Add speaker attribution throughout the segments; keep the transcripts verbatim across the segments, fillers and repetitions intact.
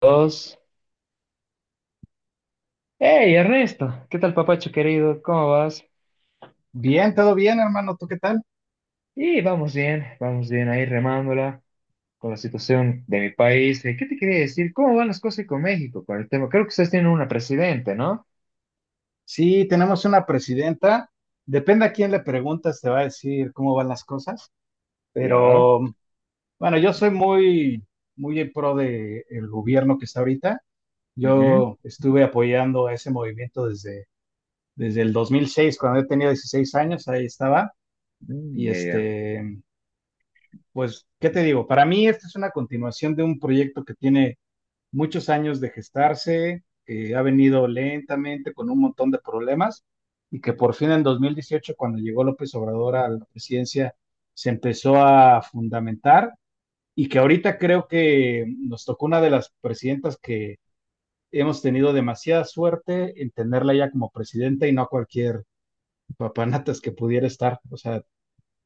Speaker 1: Dos. Hey, Ernesto, ¿qué tal, papacho querido? ¿Cómo vas?
Speaker 2: Bien, todo bien, hermano. ¿Tú qué tal?
Speaker 1: Y vamos bien, vamos bien ahí remándola con la situación de mi país. Eh, ¿Qué te quería decir? ¿Cómo van las cosas ahí con México con el tema? Creo que ustedes tienen una presidente, ¿no?
Speaker 2: Sí, tenemos una presidenta. Depende a quién le preguntas, te va a decir cómo van las cosas.
Speaker 1: Ya.
Speaker 2: Pero bueno, yo soy muy, muy en pro de el gobierno que está ahorita.
Speaker 1: Ujú.
Speaker 2: Yo estuve apoyando a ese movimiento desde, desde el dos mil seis, cuando yo tenía dieciséis años, ahí estaba. Y
Speaker 1: Mm, ya, ya.
Speaker 2: este, pues, ¿qué te digo? Para mí, esta es una continuación de un proyecto que tiene muchos años de gestarse, eh, ha venido lentamente con un montón de problemas y que por fin en dos mil dieciocho, cuando llegó López Obrador a la presidencia, se empezó a fundamentar y que ahorita creo que nos tocó una de las presidentas que hemos tenido demasiada suerte en tenerla ya como presidenta y no a cualquier papanatas que pudiera estar. O sea,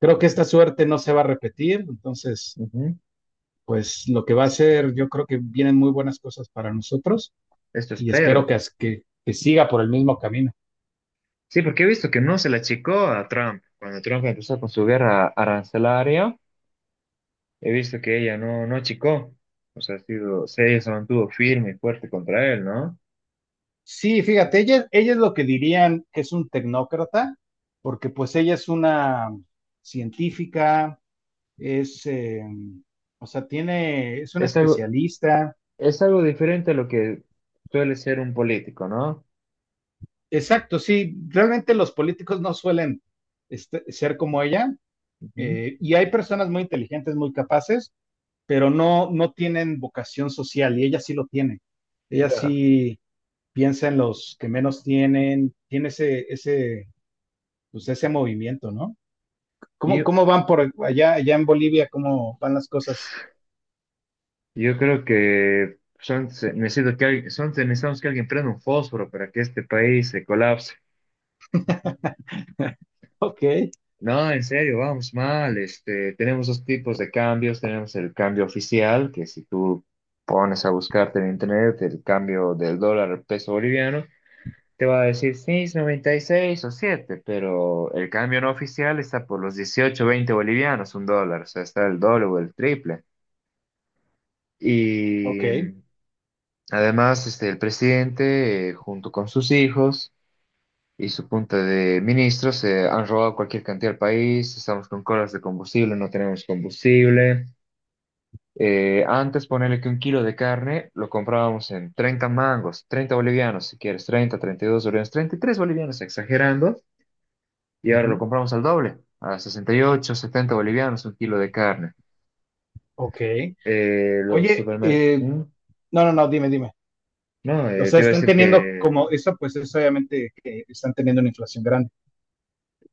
Speaker 2: creo que esta suerte no se va a repetir, entonces,
Speaker 1: Ujú.
Speaker 2: pues lo que va a ser, yo creo que vienen muy buenas cosas para nosotros
Speaker 1: Esto
Speaker 2: y espero
Speaker 1: espero.
Speaker 2: que, que, que siga por el mismo camino.
Speaker 1: Sí, porque he visto que no se la achicó a Trump. Cuando Trump empezó con su guerra arancelaria, he visto que ella no, no achicó. O sea, ha sido, se- ella se mantuvo firme y fuerte contra él, ¿no?
Speaker 2: Sí, fíjate, ella, ella es lo que dirían que es un tecnócrata, porque pues ella es una científica, es, eh, o sea, tiene, es una
Speaker 1: Es algo.
Speaker 2: especialista.
Speaker 1: Es algo diferente a lo que suele ser un político, ¿no?
Speaker 2: Exacto, sí, realmente los políticos no suelen este- ser como ella,
Speaker 1: Ujú.
Speaker 2: eh, y hay personas muy inteligentes, muy capaces, pero no, no tienen vocación social, y ella sí lo tiene. Ella
Speaker 1: Claro.
Speaker 2: sí piensa en los que menos tienen, tiene ese, ese, pues ese movimiento, ¿no?
Speaker 1: Y
Speaker 2: ¿Cómo,
Speaker 1: yo,
Speaker 2: cómo van por allá, allá en Bolivia? ¿Cómo van las cosas?
Speaker 1: yo creo que son, se- necesito que alguien, son, necesitamos que alguien prenda un fósforo para que este país se colapse.
Speaker 2: Ok,
Speaker 1: No, en serio, vamos mal. Este, tenemos dos tipos de cambios. Tenemos el cambio oficial, que si tú pones a buscarte en internet el cambio del dólar al peso boliviano, te va a decir, sí, es noventa y seis o siete pero el cambio no oficial está por los dieciocho, veinte bolivianos, un dólar, o sea, está el doble o el triple.
Speaker 2: Ok,
Speaker 1: Y mm, además, este, el presidente, eh, junto con sus hijos y su punta de ministros, eh, han robado cualquier cantidad al país, estamos con colas de combustible, no tenemos combustible. Eh, antes ponerle que un kilo de carne lo comprábamos en treinta mangos, treinta bolivianos, si quieres, treinta, treinta y dos bolivianos, treinta y tres bolivianos, exagerando. Y ahora lo
Speaker 2: ujú,
Speaker 1: compramos al doble, a sesenta y ocho, setenta bolivianos un kilo de carne.
Speaker 2: ok.
Speaker 1: Eh, los
Speaker 2: Oye,
Speaker 1: supermercados.
Speaker 2: eh, no, no, no, dime, dime.
Speaker 1: No,
Speaker 2: O
Speaker 1: eh, te
Speaker 2: sea,
Speaker 1: iba a
Speaker 2: están
Speaker 1: decir
Speaker 2: teniendo
Speaker 1: que
Speaker 2: como, eso pues es obviamente que están teniendo una inflación grande.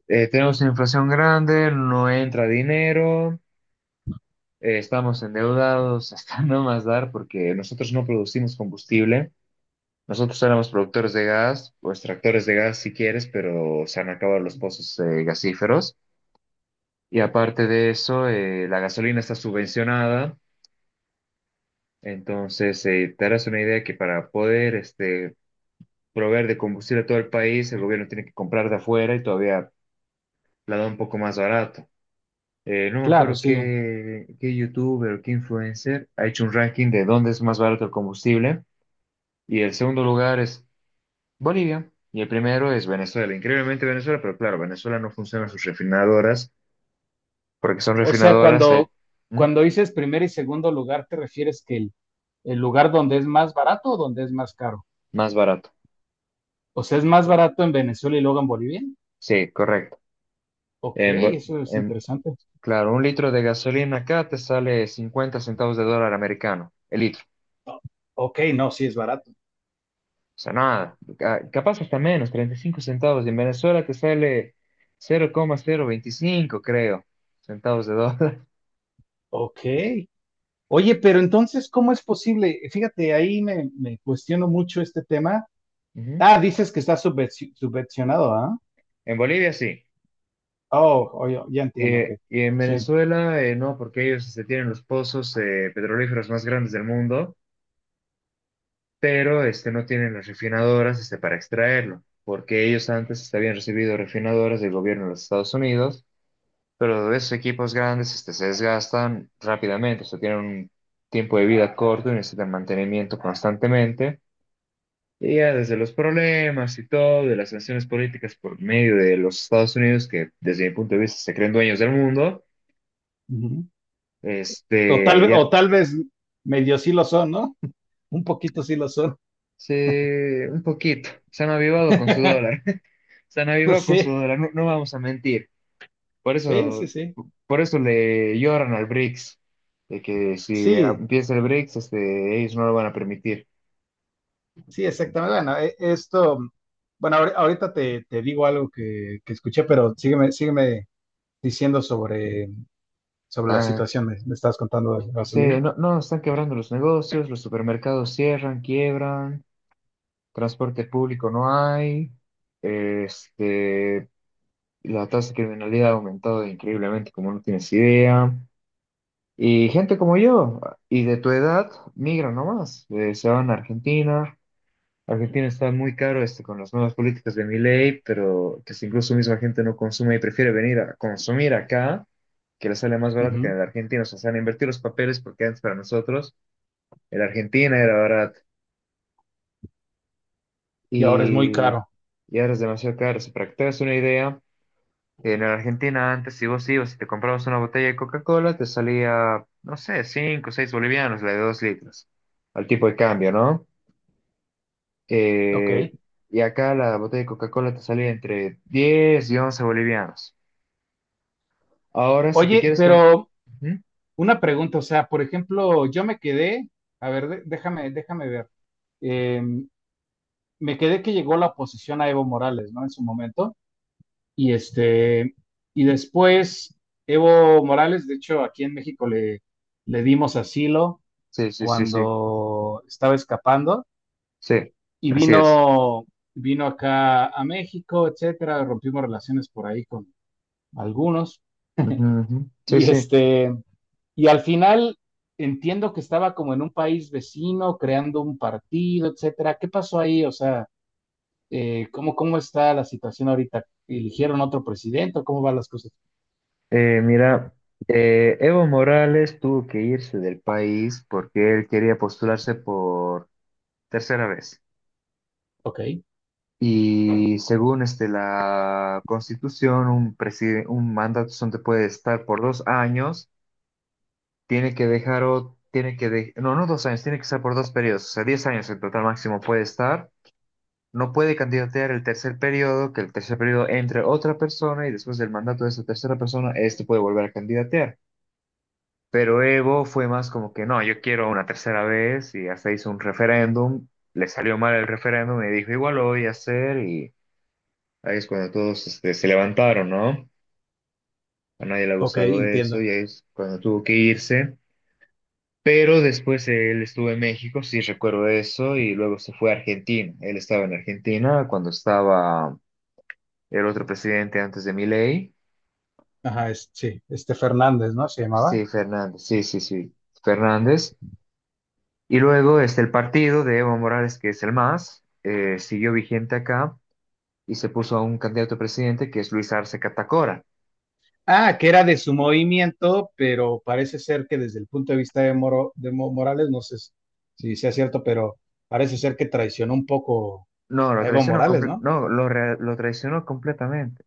Speaker 1: eh, tenemos una inflación grande, no entra dinero, eh, estamos endeudados hasta no más dar porque nosotros no producimos combustible. Nosotros éramos productores de gas, o extractores de gas si quieres, pero se han acabado los pozos eh, gasíferos. Y aparte de eso, eh, la gasolina está subvencionada. Entonces, eh, te harás una idea que para poder este, proveer de combustible a todo el país, el gobierno tiene que comprar de afuera y todavía la da un poco más barato. Eh, no me
Speaker 2: Claro,
Speaker 1: acuerdo
Speaker 2: sí.
Speaker 1: qué, qué youtuber o qué influencer ha hecho un ranking de dónde es más barato el combustible. Y el segundo lugar es Bolivia y el primero es Venezuela. Increíblemente Venezuela, pero claro, Venezuela no funciona sus refinadoras porque son
Speaker 2: O sea,
Speaker 1: refinadoras de-
Speaker 2: cuando,
Speaker 1: ¿Mm?
Speaker 2: cuando dices primer y segundo lugar, ¿te refieres que el, el lugar donde es más barato o donde es más caro?
Speaker 1: Más barato.
Speaker 2: O sea, ¿es más barato en Venezuela y luego en Bolivia?
Speaker 1: Sí, correcto.
Speaker 2: Ok, eso es interesante.
Speaker 1: Claro, un litro de gasolina acá te sale cincuenta centavos de dólar americano, el litro.
Speaker 2: Ok, no, sí es barato.
Speaker 1: O sea, nada, ca- capaz hasta menos, treinta y cinco centavos. Y en Venezuela te sale cero cero coma cero veinticinco, creo, centavos de dólar.
Speaker 2: Ok. Oye, pero entonces, ¿cómo es posible? Fíjate, ahí me, me cuestiono mucho este tema.
Speaker 1: Ujú.
Speaker 2: Ah, dices que está subvenci- subvencionado, ¿ah?
Speaker 1: En Bolivia sí.
Speaker 2: Oh, oh, ya ya entiendo, ok.
Speaker 1: Eh, y en
Speaker 2: Sí.
Speaker 1: Venezuela eh, no, porque ellos este, tienen los pozos eh, petrolíferos más grandes del mundo, pero este, no tienen las refinadoras este, para extraerlo, porque ellos antes este, habían recibido refinadoras del gobierno de los Estados Unidos. Pero esos equipos grandes este, se desgastan rápidamente, o sea, tienen un tiempo de vida corto y necesitan mantenimiento constantemente. Y ya desde los problemas y todo, de las sanciones políticas por medio de los Estados Unidos, que desde mi punto de vista se creen dueños del mundo,
Speaker 2: Ujú. O tal,
Speaker 1: este,
Speaker 2: ve- o
Speaker 1: ya
Speaker 2: tal vez medio sí lo son, ¿no? Un poquito sí
Speaker 1: este,
Speaker 2: lo son.
Speaker 1: se, un poquito, se han avivado con su dólar, se han avivado con su
Speaker 2: Sí,
Speaker 1: dólar, no, no vamos a mentir. Por
Speaker 2: sí,
Speaker 1: eso,
Speaker 2: sí, sí.
Speaker 1: por eso le lloran al BRICS, de que si
Speaker 2: Sí,
Speaker 1: empieza el BRICS, este, ellos no lo van a permitir.
Speaker 2: sí, exactamente. Bueno, e- esto, bueno, ahori- ahorita te, te digo algo que, que escuché, pero sígueme, sígueme diciendo sobre sobre la
Speaker 1: Ah,
Speaker 2: situación, me, me estabas contando de la
Speaker 1: sí,
Speaker 2: gasolina.
Speaker 1: no, no, están quebrando los negocios, los supermercados cierran, quiebran, transporte público no hay, este, la tasa de criminalidad ha aumentado increíblemente, como no tienes idea. Y gente como yo, y de tu edad, migran nomás, eh, se van a Argentina. Argentina está muy caro este, con las nuevas políticas de Milei, pero que si incluso misma gente no consume y prefiere venir a consumir acá, que le sale más barato que
Speaker 2: Ujú.
Speaker 1: en la Argentina, o sea, se han invertido los papeles porque antes para nosotros. era Argentina, era barato.
Speaker 2: Y ahora es muy
Speaker 1: Y,
Speaker 2: caro.
Speaker 1: y ahora es demasiado caro. Si para que te hagas una idea, en la Argentina antes, si vos ibas y te comprabas una botella de Coca-Cola, te salía, no sé, cinco o seis bolivianos, la de dos litros, al tipo de cambio, ¿no?
Speaker 2: Ok.
Speaker 1: Eh, y acá la botella de Coca-Cola te salía entre diez y once bolivianos. Ahora, si te
Speaker 2: Oye,
Speaker 1: quieres... com-
Speaker 2: pero
Speaker 1: Ujú.
Speaker 2: una pregunta, o sea, por ejemplo, yo me quedé, a ver, de- déjame, déjame ver. Eh, Me quedé que llegó la oposición a Evo Morales, ¿no? En su momento. Y este, y después Evo Morales, de hecho, aquí en México le, le dimos asilo
Speaker 1: Sí, sí, sí, sí,
Speaker 2: cuando estaba escapando
Speaker 1: sí,
Speaker 2: y
Speaker 1: así es.
Speaker 2: vino, vino acá a México, etcétera, rompimos relaciones por ahí algunos.
Speaker 1: Ujú, ujú. Sí,
Speaker 2: Y
Speaker 1: sí.
Speaker 2: este, y al final entiendo que estaba como en un país vecino, creando un partido, etcétera. ¿Qué pasó ahí? O sea, eh, ¿cómo, cómo está la situación ahorita? ¿Eligieron otro presidente? O ¿cómo van las cosas?
Speaker 1: Eh, mira, eh, Evo Morales tuvo que irse del país porque él quería postularse por tercera vez.
Speaker 2: Ok,
Speaker 1: Y según este, la Constitución, un, preside- un mandato solo te puede estar por dos años, tiene que dejar o tiene que de- no, no dos años, tiene que estar por dos periodos, o sea, diez años en total máximo puede estar. No puede candidatear el tercer periodo, que el tercer periodo entre otra persona y después del mandato de esa tercera persona, este puede volver a candidatear. Pero Evo fue más como que no, yo quiero una tercera vez y hasta hizo un referéndum, le salió mal el referéndum y dijo igual lo voy a hacer y ahí es cuando todos este, se levantaron, ¿no? A nadie le ha
Speaker 2: ok,
Speaker 1: gustado eso
Speaker 2: entiendo.
Speaker 1: y ahí es cuando tuvo que irse. Pero después él estuvo en México, sí recuerdo eso, y luego se fue a Argentina. Él estaba en Argentina cuando estaba el otro presidente antes de Milei.
Speaker 2: Ajá, es- sí, este Fernández, ¿no? Se llamaba.
Speaker 1: Sí, Fernández, sí, sí, sí, Fernández. Y luego este, el partido de Evo Morales, que es el MAS, eh, siguió vigente acá y se puso a un candidato a presidente que es Luis Arce Catacora.
Speaker 2: Ah, que era de su movimiento, pero parece ser que desde el punto de vista de, Moro, de Mo- Morales, no sé si si sea cierto, pero parece ser que traicionó un poco
Speaker 1: No, lo
Speaker 2: a Evo
Speaker 1: traicionó,
Speaker 2: Morales,
Speaker 1: comple-
Speaker 2: ¿no?
Speaker 1: no, lo, re- lo traicionó completamente.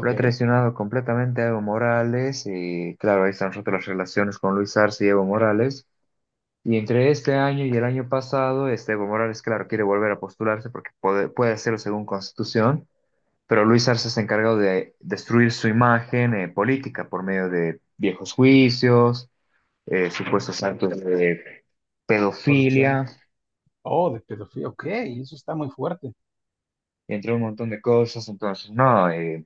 Speaker 1: Lo ha traicionado completamente a Evo Morales y claro, ahí están rotas las relaciones con Luis Arce y Evo Morales. Y entre este año y el año pasado, este Evo Morales, claro, quiere volver a postularse porque puede, puede hacerlo según Constitución. pero Luis Arce se ha encargado de destruir su imagen eh, política por medio de viejos juicios, eh, supuestos actos de
Speaker 2: corrupción.
Speaker 1: pedofilia,
Speaker 2: Oh, de pedofilia, ok, eso está muy fuerte.
Speaker 1: entre un montón de cosas. Entonces, no, eh,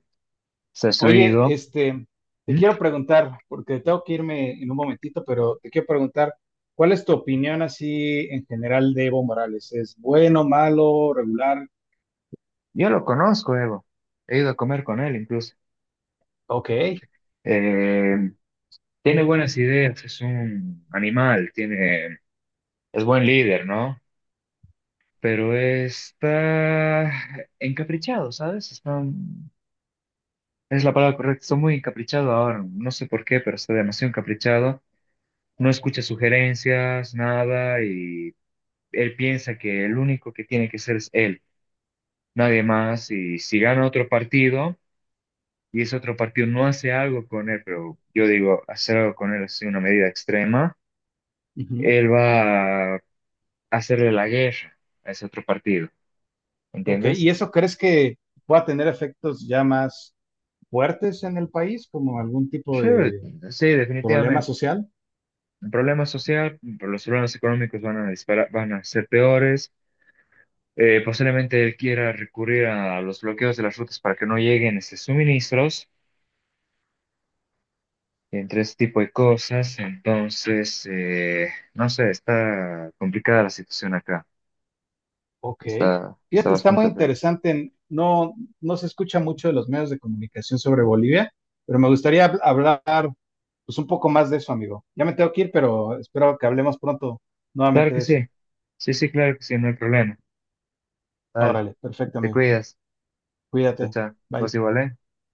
Speaker 1: se ha
Speaker 2: Oye,
Speaker 1: destruido.
Speaker 2: este, te
Speaker 1: ¿Mm?
Speaker 2: quiero preguntar, porque tengo que irme en un momentito, pero te quiero preguntar, ¿cuál es tu opinión así en general de Evo Morales? ¿Es bueno, malo, regular?
Speaker 1: Yo lo conozco, Evo. He ido a comer con él incluso.
Speaker 2: Ok,
Speaker 1: Eh, Tiene buenas ideas, es un animal, tiene, es buen líder, ¿no? Pero está encaprichado, ¿sabes? Está Es la palabra correcta. Soy muy encaprichado ahora. No sé por qué, pero está demasiado encaprichado. No escucha sugerencias, nada, y él piensa que el único que tiene que ser es él, nadie más. Y si gana otro partido y ese otro partido no hace algo con él, pero yo digo, hacer algo con él es una medida extrema,
Speaker 2: ujú,
Speaker 1: él va a hacerle la guerra a ese otro partido.
Speaker 2: ok, ¿y
Speaker 1: ¿Entiendes?
Speaker 2: eso crees que pueda tener efectos ya más fuertes en el país, como algún tipo
Speaker 1: Sí,
Speaker 2: de
Speaker 1: sí,
Speaker 2: problema
Speaker 1: definitivamente.
Speaker 2: social?
Speaker 1: El problema social, los problemas económicos van a disparar, van a ser peores Eh, Posiblemente él quiera recurrir a los bloqueos de las rutas para que no lleguen este, suministros, entre este tipo de cosas. Entonces, eh, no sé, está complicada la situación acá.
Speaker 2: Ok.
Speaker 1: Está, está
Speaker 2: Fíjate, está muy
Speaker 1: bastante fea.
Speaker 2: interesante. No, no se escucha mucho de los medios de comunicación sobre Bolivia, pero me gustaría hab- hablar pues, un poco más de eso, amigo. Ya me tengo que ir, pero espero que hablemos pronto
Speaker 1: Claro
Speaker 2: nuevamente
Speaker 1: que
Speaker 2: de eso.
Speaker 1: sí. Sí, sí, claro que sí, no hay problema. Vale,
Speaker 2: Órale, perfecto,
Speaker 1: te
Speaker 2: amigo.
Speaker 1: cuidas. Chao,
Speaker 2: Cuídate.
Speaker 1: chao. Vos
Speaker 2: Bye.
Speaker 1: igual, ¿eh?